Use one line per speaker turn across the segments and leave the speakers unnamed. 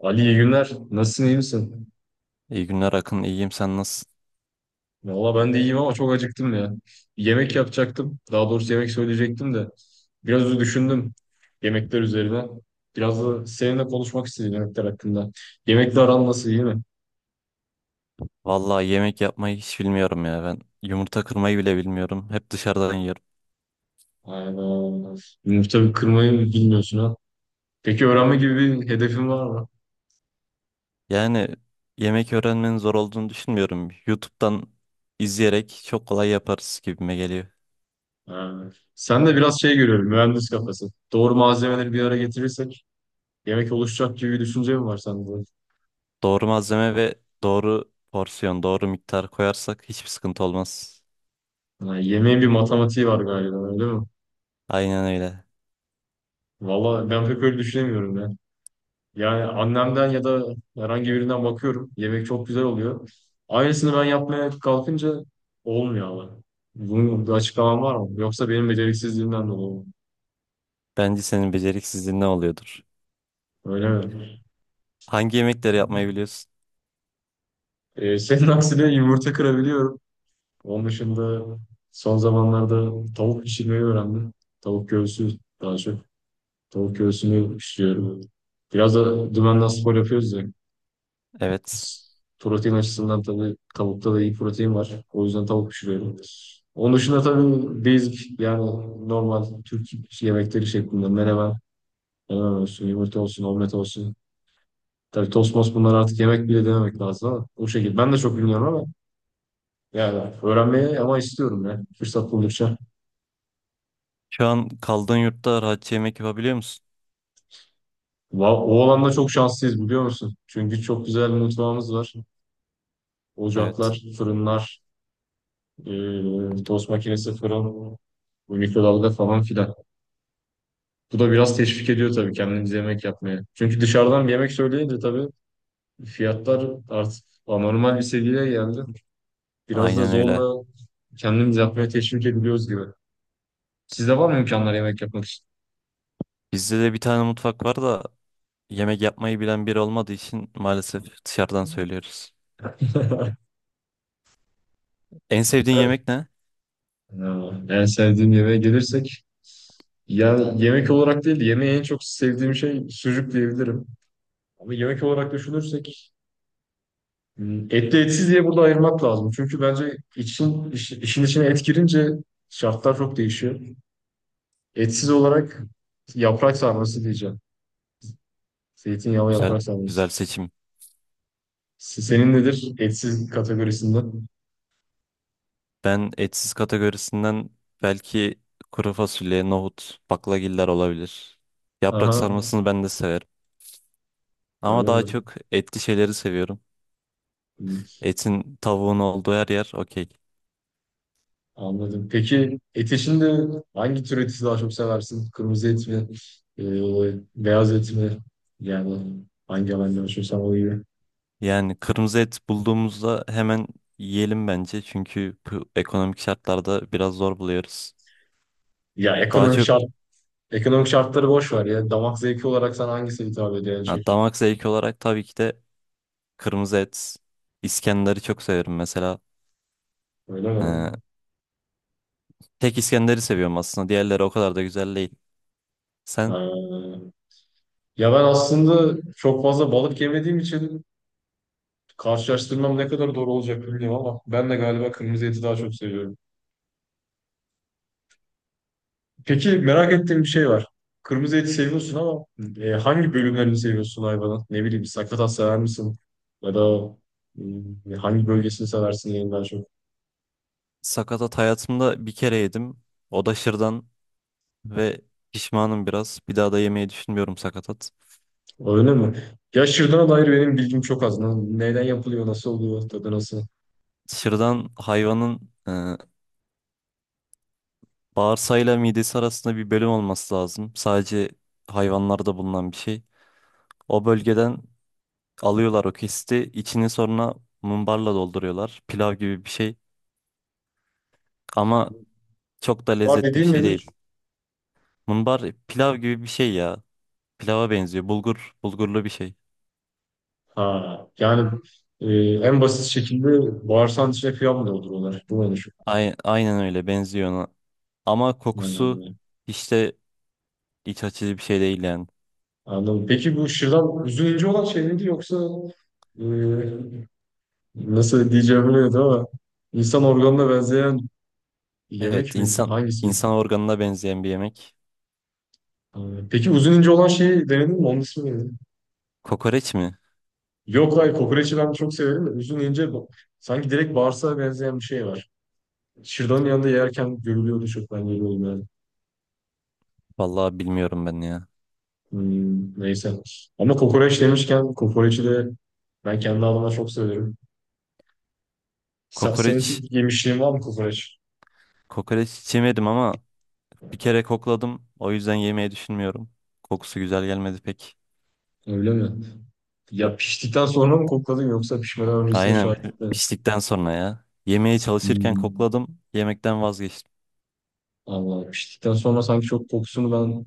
Ali iyi günler. Nasılsın, iyi misin?
İyi günler Akın, iyiyim sen nasılsın?
Valla ben de iyiyim ama çok acıktım ya. Yemek yapacaktım. Daha doğrusu yemek söyleyecektim de. Biraz da düşündüm yemekler üzerine. Biraz da seninle konuşmak istedim yemekler hakkında. Yemekle aran nasıl, iyi mi?
Vallahi yemek yapmayı hiç bilmiyorum ya ben. Yumurta kırmayı bile bilmiyorum. Hep dışarıdan yiyorum.
Aynen. Yumurta kırmayı bilmiyorsun ha. Peki öğrenme gibi bir hedefin var mı?
Yani yemek öğrenmenin zor olduğunu düşünmüyorum. YouTube'dan izleyerek çok kolay yaparız gibime geliyor.
Ha. Sen de biraz şey görüyorum, mühendis kafası. Doğru malzemeleri bir araya getirirsek yemek oluşacak gibi bir düşünce mi var sende?
Doğru malzeme ve doğru porsiyon, doğru miktar koyarsak hiçbir sıkıntı olmaz.
Ha, yemeğin bir matematiği var galiba, öyle mi?
Aynen öyle.
Valla ben pek öyle düşünemiyorum ya. Yani annemden ya da herhangi birinden bakıyorum. Yemek çok güzel oluyor. Aynısını ben yapmaya kalkınca olmuyor ama. Bunun bir açıklaman var mı? Yoksa benim beceriksizliğimden dolayı mı?
Bence senin beceriksizliğin ne oluyordur?
Öyle mi?
Hangi yemekleri yapmayı biliyorsun?
Senin aksine yumurta kırabiliyorum. Onun dışında son zamanlarda tavuk pişirmeyi öğrendim. Tavuk göğsü daha çok. Tavuk göğsünü pişiriyorum. Biraz da dümenden spor yapıyoruz ya.
Evet.
Protein açısından tabii tavukta da iyi protein var. O yüzden tavuk pişiriyorum. Onun dışında tabii basic yani normal Türk yemekleri şeklinde menemen, menemen olsun, yumurta olsun, omlet olsun. Tabii tost most bunlar artık yemek bile dememek lazım ama o şekilde. Ben de çok bilmiyorum ama yani öğrenmeye ama istiyorum ya fırsat buldukça.
Şu an kaldığın yurtta rahatça yemek yapabiliyor musun?
O alanda çok şanslıyız biliyor musun? Çünkü çok güzel bir mutfağımız var.
Evet.
Ocaklar, fırınlar, tost makinesi, fırın, mikrodalga falan filan. Bu da biraz teşvik ediyor tabii kendimiz yemek yapmaya. Çünkü dışarıdan bir yemek söyleyince tabii fiyatlar artık anormal bir seviyeye geldi. Biraz da
Aynen öyle.
zorla kendimiz yapmaya teşvik ediliyoruz gibi. Sizde var mı imkanlar yemek yapmak için?
Bizde de bir tane mutfak var da yemek yapmayı bilen biri olmadığı için maalesef dışarıdan söylüyoruz. En sevdiğin yemek ne?
Ya, en sevdiğim yemeğe gelirsek ya yemek olarak değil de yemeği en çok sevdiğim şey sucuk diyebilirim. Ama yemek olarak düşünürsek hmm, etli etsiz diye burada ayırmak lazım. Çünkü bence işin içine et girince şartlar çok değişiyor. Etsiz olarak yaprak sarması diyeceğim. Zeytinyağlı
Güzel,
yaprak
güzel
sarması.
seçim.
Senin nedir etsiz kategorisinde?
Ben etsiz kategorisinden belki kuru fasulye, nohut, baklagiller olabilir. Yaprak
Aha,
sarmasını ben de severim. Ama
öyle
daha
mi?
çok etli şeyleri seviyorum.
Hı.
Etin, tavuğun olduğu her yer okey.
Anladım. Peki et içinde hangi tür eti daha çok seversin? Kırmızı et mi? Ee, Beyaz et mi? Yani hangi alanda yaşıyorsan o gibi.
Yani kırmızı et bulduğumuzda hemen yiyelim bence. Çünkü bu ekonomik şartlarda biraz zor buluyoruz.
Ya
Daha
ekonomik
çok
şart, Ekonomik şartları boş ver ya. Damak zevki olarak sana hangisi hitap ediyor en çok?
ha, damak zevki olarak tabii ki de kırmızı et, İskender'i çok severim mesela.
Öyle mi?
Ee, Tek İskender'i seviyorum aslında. Diğerleri o kadar da güzel değil. Sen
Ha. Ya ben aslında çok fazla balık yemediğim için karşılaştırmam ne kadar doğru olacak bilmiyorum ama ben de galiba kırmızı eti daha çok seviyorum. Peki merak ettiğim bir şey var. Kırmızı eti seviyorsun ama hangi bölümlerini seviyorsun hayvanın? Ne bileyim sakatat sever misin? Ya da hangi bölgesini seversin en daha çok?
sakatat hayatımda bir kere yedim. O da şırdan ve pişmanım biraz. Bir daha da yemeyi düşünmüyorum sakatat.
Öyle mi? Ya şırdana dair benim bilgim çok az. Neden yapılıyor, nasıl oluyor, tadı nasıl?
Şırdan hayvanın bağırsağıyla midesi arasında bir bölüm olması lazım. Sadece hayvanlarda bulunan bir şey. O bölgeden alıyorlar o kesti. İçini sonra mumbarla dolduruyorlar. Pilav gibi bir şey. Ama çok da
Var
lezzetli bir
dediğin
şey
nedir?
değil. Mumbar pilav gibi bir şey ya. Pilava benziyor. Bulgur, bulgurlu bir şey.
Ha, yani e, en basit şekilde bağırsağın içine kıyam da olur onlar. Bu ne şu?
Aynen öyle benziyor ona. Ama kokusu işte iç açıcı bir şey değil yani.
Anladım. Peki bu şırdan üzücü olan şey miydi yoksa e, nasıl diyeceğimi bilmiyorum ama insan organına benzeyen
Evet,
yemek mi? Hangisi?
insan organına benzeyen bir yemek.
E, Peki uzun ince olan şeyi denedin mi? Onun ismi neydi?
Kokoreç mi?
Yok hayır kokoreçi ben çok severim de sanki direkt bağırsağa benzeyen bir şey var. Şırdanın yanında yerken görülüyordu çok ben görüyorum yani.
Vallahi bilmiyorum ben ya.
Hmm, neyse. Ama kokoreç demişken kokoreçi de ben kendi adıma çok severim.
Kokoreç
Senin yemişliğin var mı kokoreç?
Kokoreç hiç yemedim ama bir kere kokladım. O yüzden yemeyi düşünmüyorum. Kokusu güzel gelmedi pek.
Öyle mi? Ya piştikten sonra mı kokladın yoksa pişmeden öncesinde
Aynen,
şahitlik mi?
piştikten sonra ya. Yemeye çalışırken
Hmm.
kokladım. Yemekten vazgeçtim.
Allah piştikten sonra sanki çok kokusunu ben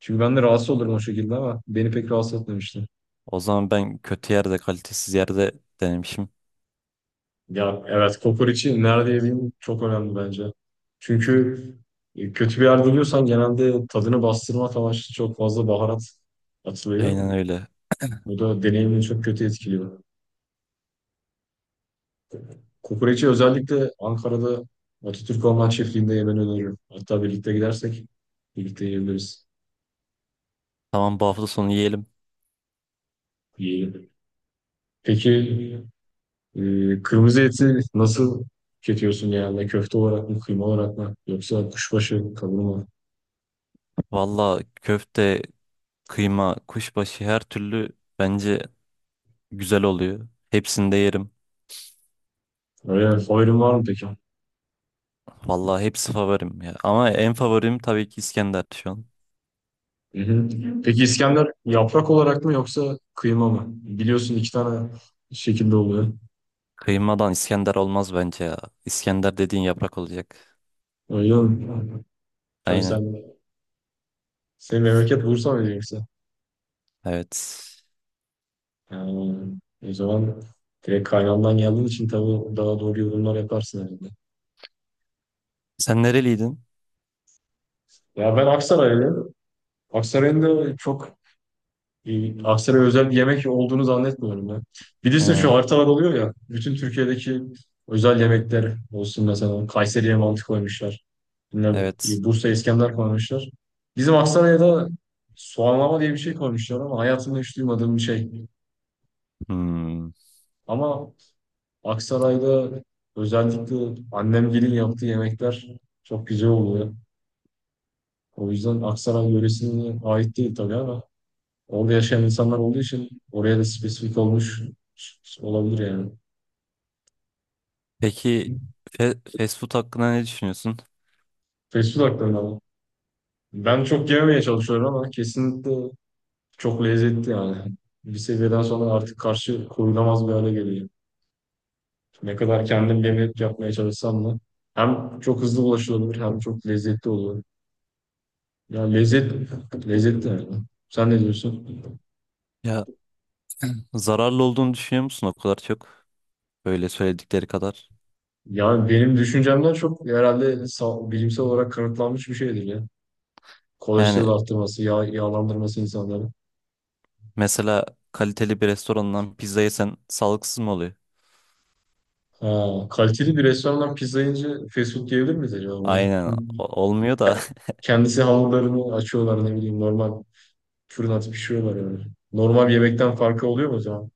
çünkü ben de rahatsız olurum o şekilde ama beni pek rahatsız etmemişti.
O zaman ben kötü yerde, kalitesiz yerde denemişim.
Ya evet kokoreçi nerede yediğin çok önemli bence. Çünkü kötü bir yerde yiyorsan genelde tadını bastırmak amaçlı çok fazla baharat atılıyor.
Aynen öyle.
Bu da deneyimini çok kötü etkiliyor. Kokoreçi özellikle Ankara'da Atatürk Orman Çiftliği'nde yemeni öneririm. Hatta birlikte gidersek birlikte yiyebiliriz.
Tamam, bu hafta sonu yiyelim.
Yiyelim. Peki e, kırmızı eti nasıl tüketiyorsun genelde? Köfte olarak mı, kıyma olarak mı? Yoksa kuşbaşı, kavurma mı?
Valla köfte, kıyma, kuşbaşı her türlü bence güzel oluyor. Hepsini de yerim.
Öyle favorin var mı peki?
Valla hepsi favorim ya. Ama en favorim tabii ki İskender şu an.
Hı hı. Peki İskender yaprak olarak mı yoksa kıyma mı? Biliyorsun iki tane şekilde oluyor.
Kıymadan İskender olmaz bence ya. İskender dediğin yaprak olacak.
Öyle mi? Tabii
Aynen.
sen, senin memleket Bursa mı yoksa?
Evet.
Yani, o zaman direkt kaynağından geldiğin için tabii daha doğru yorumlar yaparsın herhalde.
Sen nereliydin?
Ya ben Aksaraylıyım. Aksaray'ın da çok Bir Aksaray'a özel bir yemek olduğunu zannetmiyorum ya. Bilirsin
He,
şu haritalar oluyor ya. Bütün Türkiye'deki özel yemekler olsun mesela. Kayseri'ye mantı koymuşlar. Bilmem,
evet.
Bursa İskender koymuşlar. Bizim Aksaray'a da soğanlama diye bir şey koymuşlar ama hayatımda hiç duymadığım bir şey.
Hmm.
Ama Aksaray'da özellikle annemgilin yaptığı yemekler çok güzel oluyor. O yüzden Aksaray yöresine ait değil tabii ama orada yaşayan insanlar olduğu için oraya da spesifik olmuş olabilir yani.
Peki fast food hakkında ne düşünüyorsun?
Fast food hakkında ama. Ben çok yememeye çalışıyorum ama kesinlikle çok lezzetli yani. Bir seviyeden sonra artık karşı koyulamaz bir hale geliyor. Ne kadar kendim yemek yapmaya çalışsam da hem çok hızlı ulaşılabilir hem çok lezzetli oluyor. Ya lezzet, Lezzetli yani. Sen ne diyorsun?
Ya, zararlı olduğunu düşünüyor musun o kadar çok? Böyle söyledikleri kadar.
Yani benim düşüncemden çok herhalde bilimsel olarak kanıtlanmış bir şeydir ya.
Yani
Kolesterol arttırması, yağlandırması insanları.
mesela kaliteli bir restorandan pizza yesen sağlıksız mı oluyor?
Ha, kaliteli bir restorandan pizza yiyince fast food diyebilir miyiz acaba buna?
Aynen
Çünkü
olmuyor da
ke- kendisi hamurlarını açıyorlar ne bileyim normal fırın atıp pişiriyorlar yani. Normal bir yemekten farkı oluyor mu o zaman?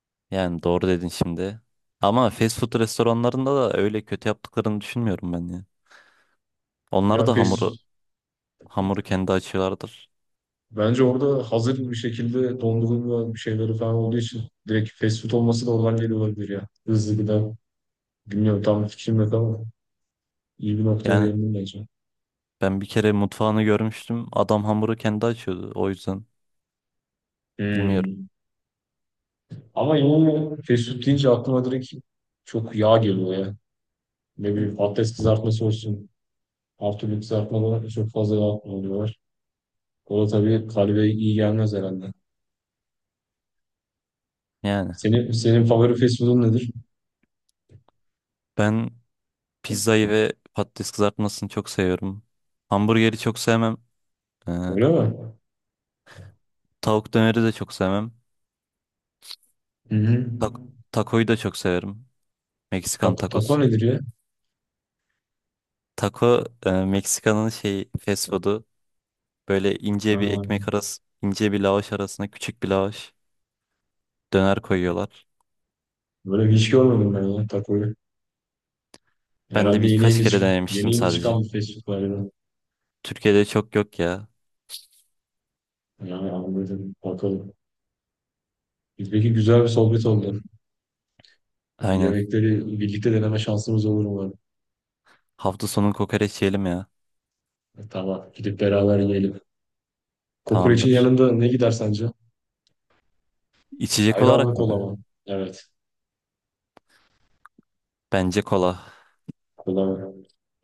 yani doğru dedin şimdi. Ama fast food restoranlarında da öyle kötü yaptıklarını düşünmüyorum ben ya.
Ya
Onlar da
fast
hamuru kendi açıyorlardır.
Bence orada hazır bir şekilde dondurulma bir şeyleri falan olduğu için direkt fast food olması da oradan geliyor olabilir ya. Hızlı gıda. Bilmiyorum tam fikrim yok ama iyi bir noktaya
Yani
değindim bence.
ben bir kere mutfağını görmüştüm. Adam hamuru kendi açıyordu. O yüzden bilmiyorum.
Hmm. Ama yine fast food deyince aklıma direkt çok yağ geliyor ya. Ne bileyim patates kızartması olsun. Her türlü kızartmalara çok fazla yağ kullanıyorlar. O da tabii kalbe iyi gelmez herhalde.
Yani
Senin favori fast food'un nedir?
ben pizzayı ve patates kızartmasını çok seviyorum. Hamburgeri çok sevmem. Ee,
Öyle mi?
Tavuk döneri de çok sevmem.
Hı hı.
Tak Takoyu da çok severim. Meksikan
Taco
tacos.
nedir ya?
Taco, Meksika'nın şey fast food'u. Böyle ince bir
Ha,
ekmek arası, ince bir lavaş arasına küçük bir lavaş döner koyuyorlar.
böyle hiç görmedim ben ya takoyu.
Ben de
Herhalde yeni
birkaç
yeni,
kere
çık yeni
denemiştim
yeni
sadece.
çıkan bir fast food var ya.
Türkiye'de çok yok ya.
Yani anladım. Bakalım. Peki güzel bir sohbet oldu.
Aynen.
Yemekleri birlikte deneme şansımız olur umarım.
Hafta sonu kokoreç yiyelim ya.
Tamam. Gidip beraber yiyelim. Kokoreçin
Tamamdır.
yanında ne gider sence?
İçecek
Ayran mı
olarak
kola
mı?
mı? Evet.
Bence kola.
Kola mı?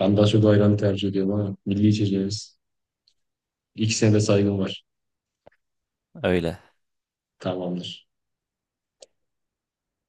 Ben daha çok ayranı tercih ediyorum ama milli içeceğiz. İkisine de saygım var.
Öyle.
Tamamdır.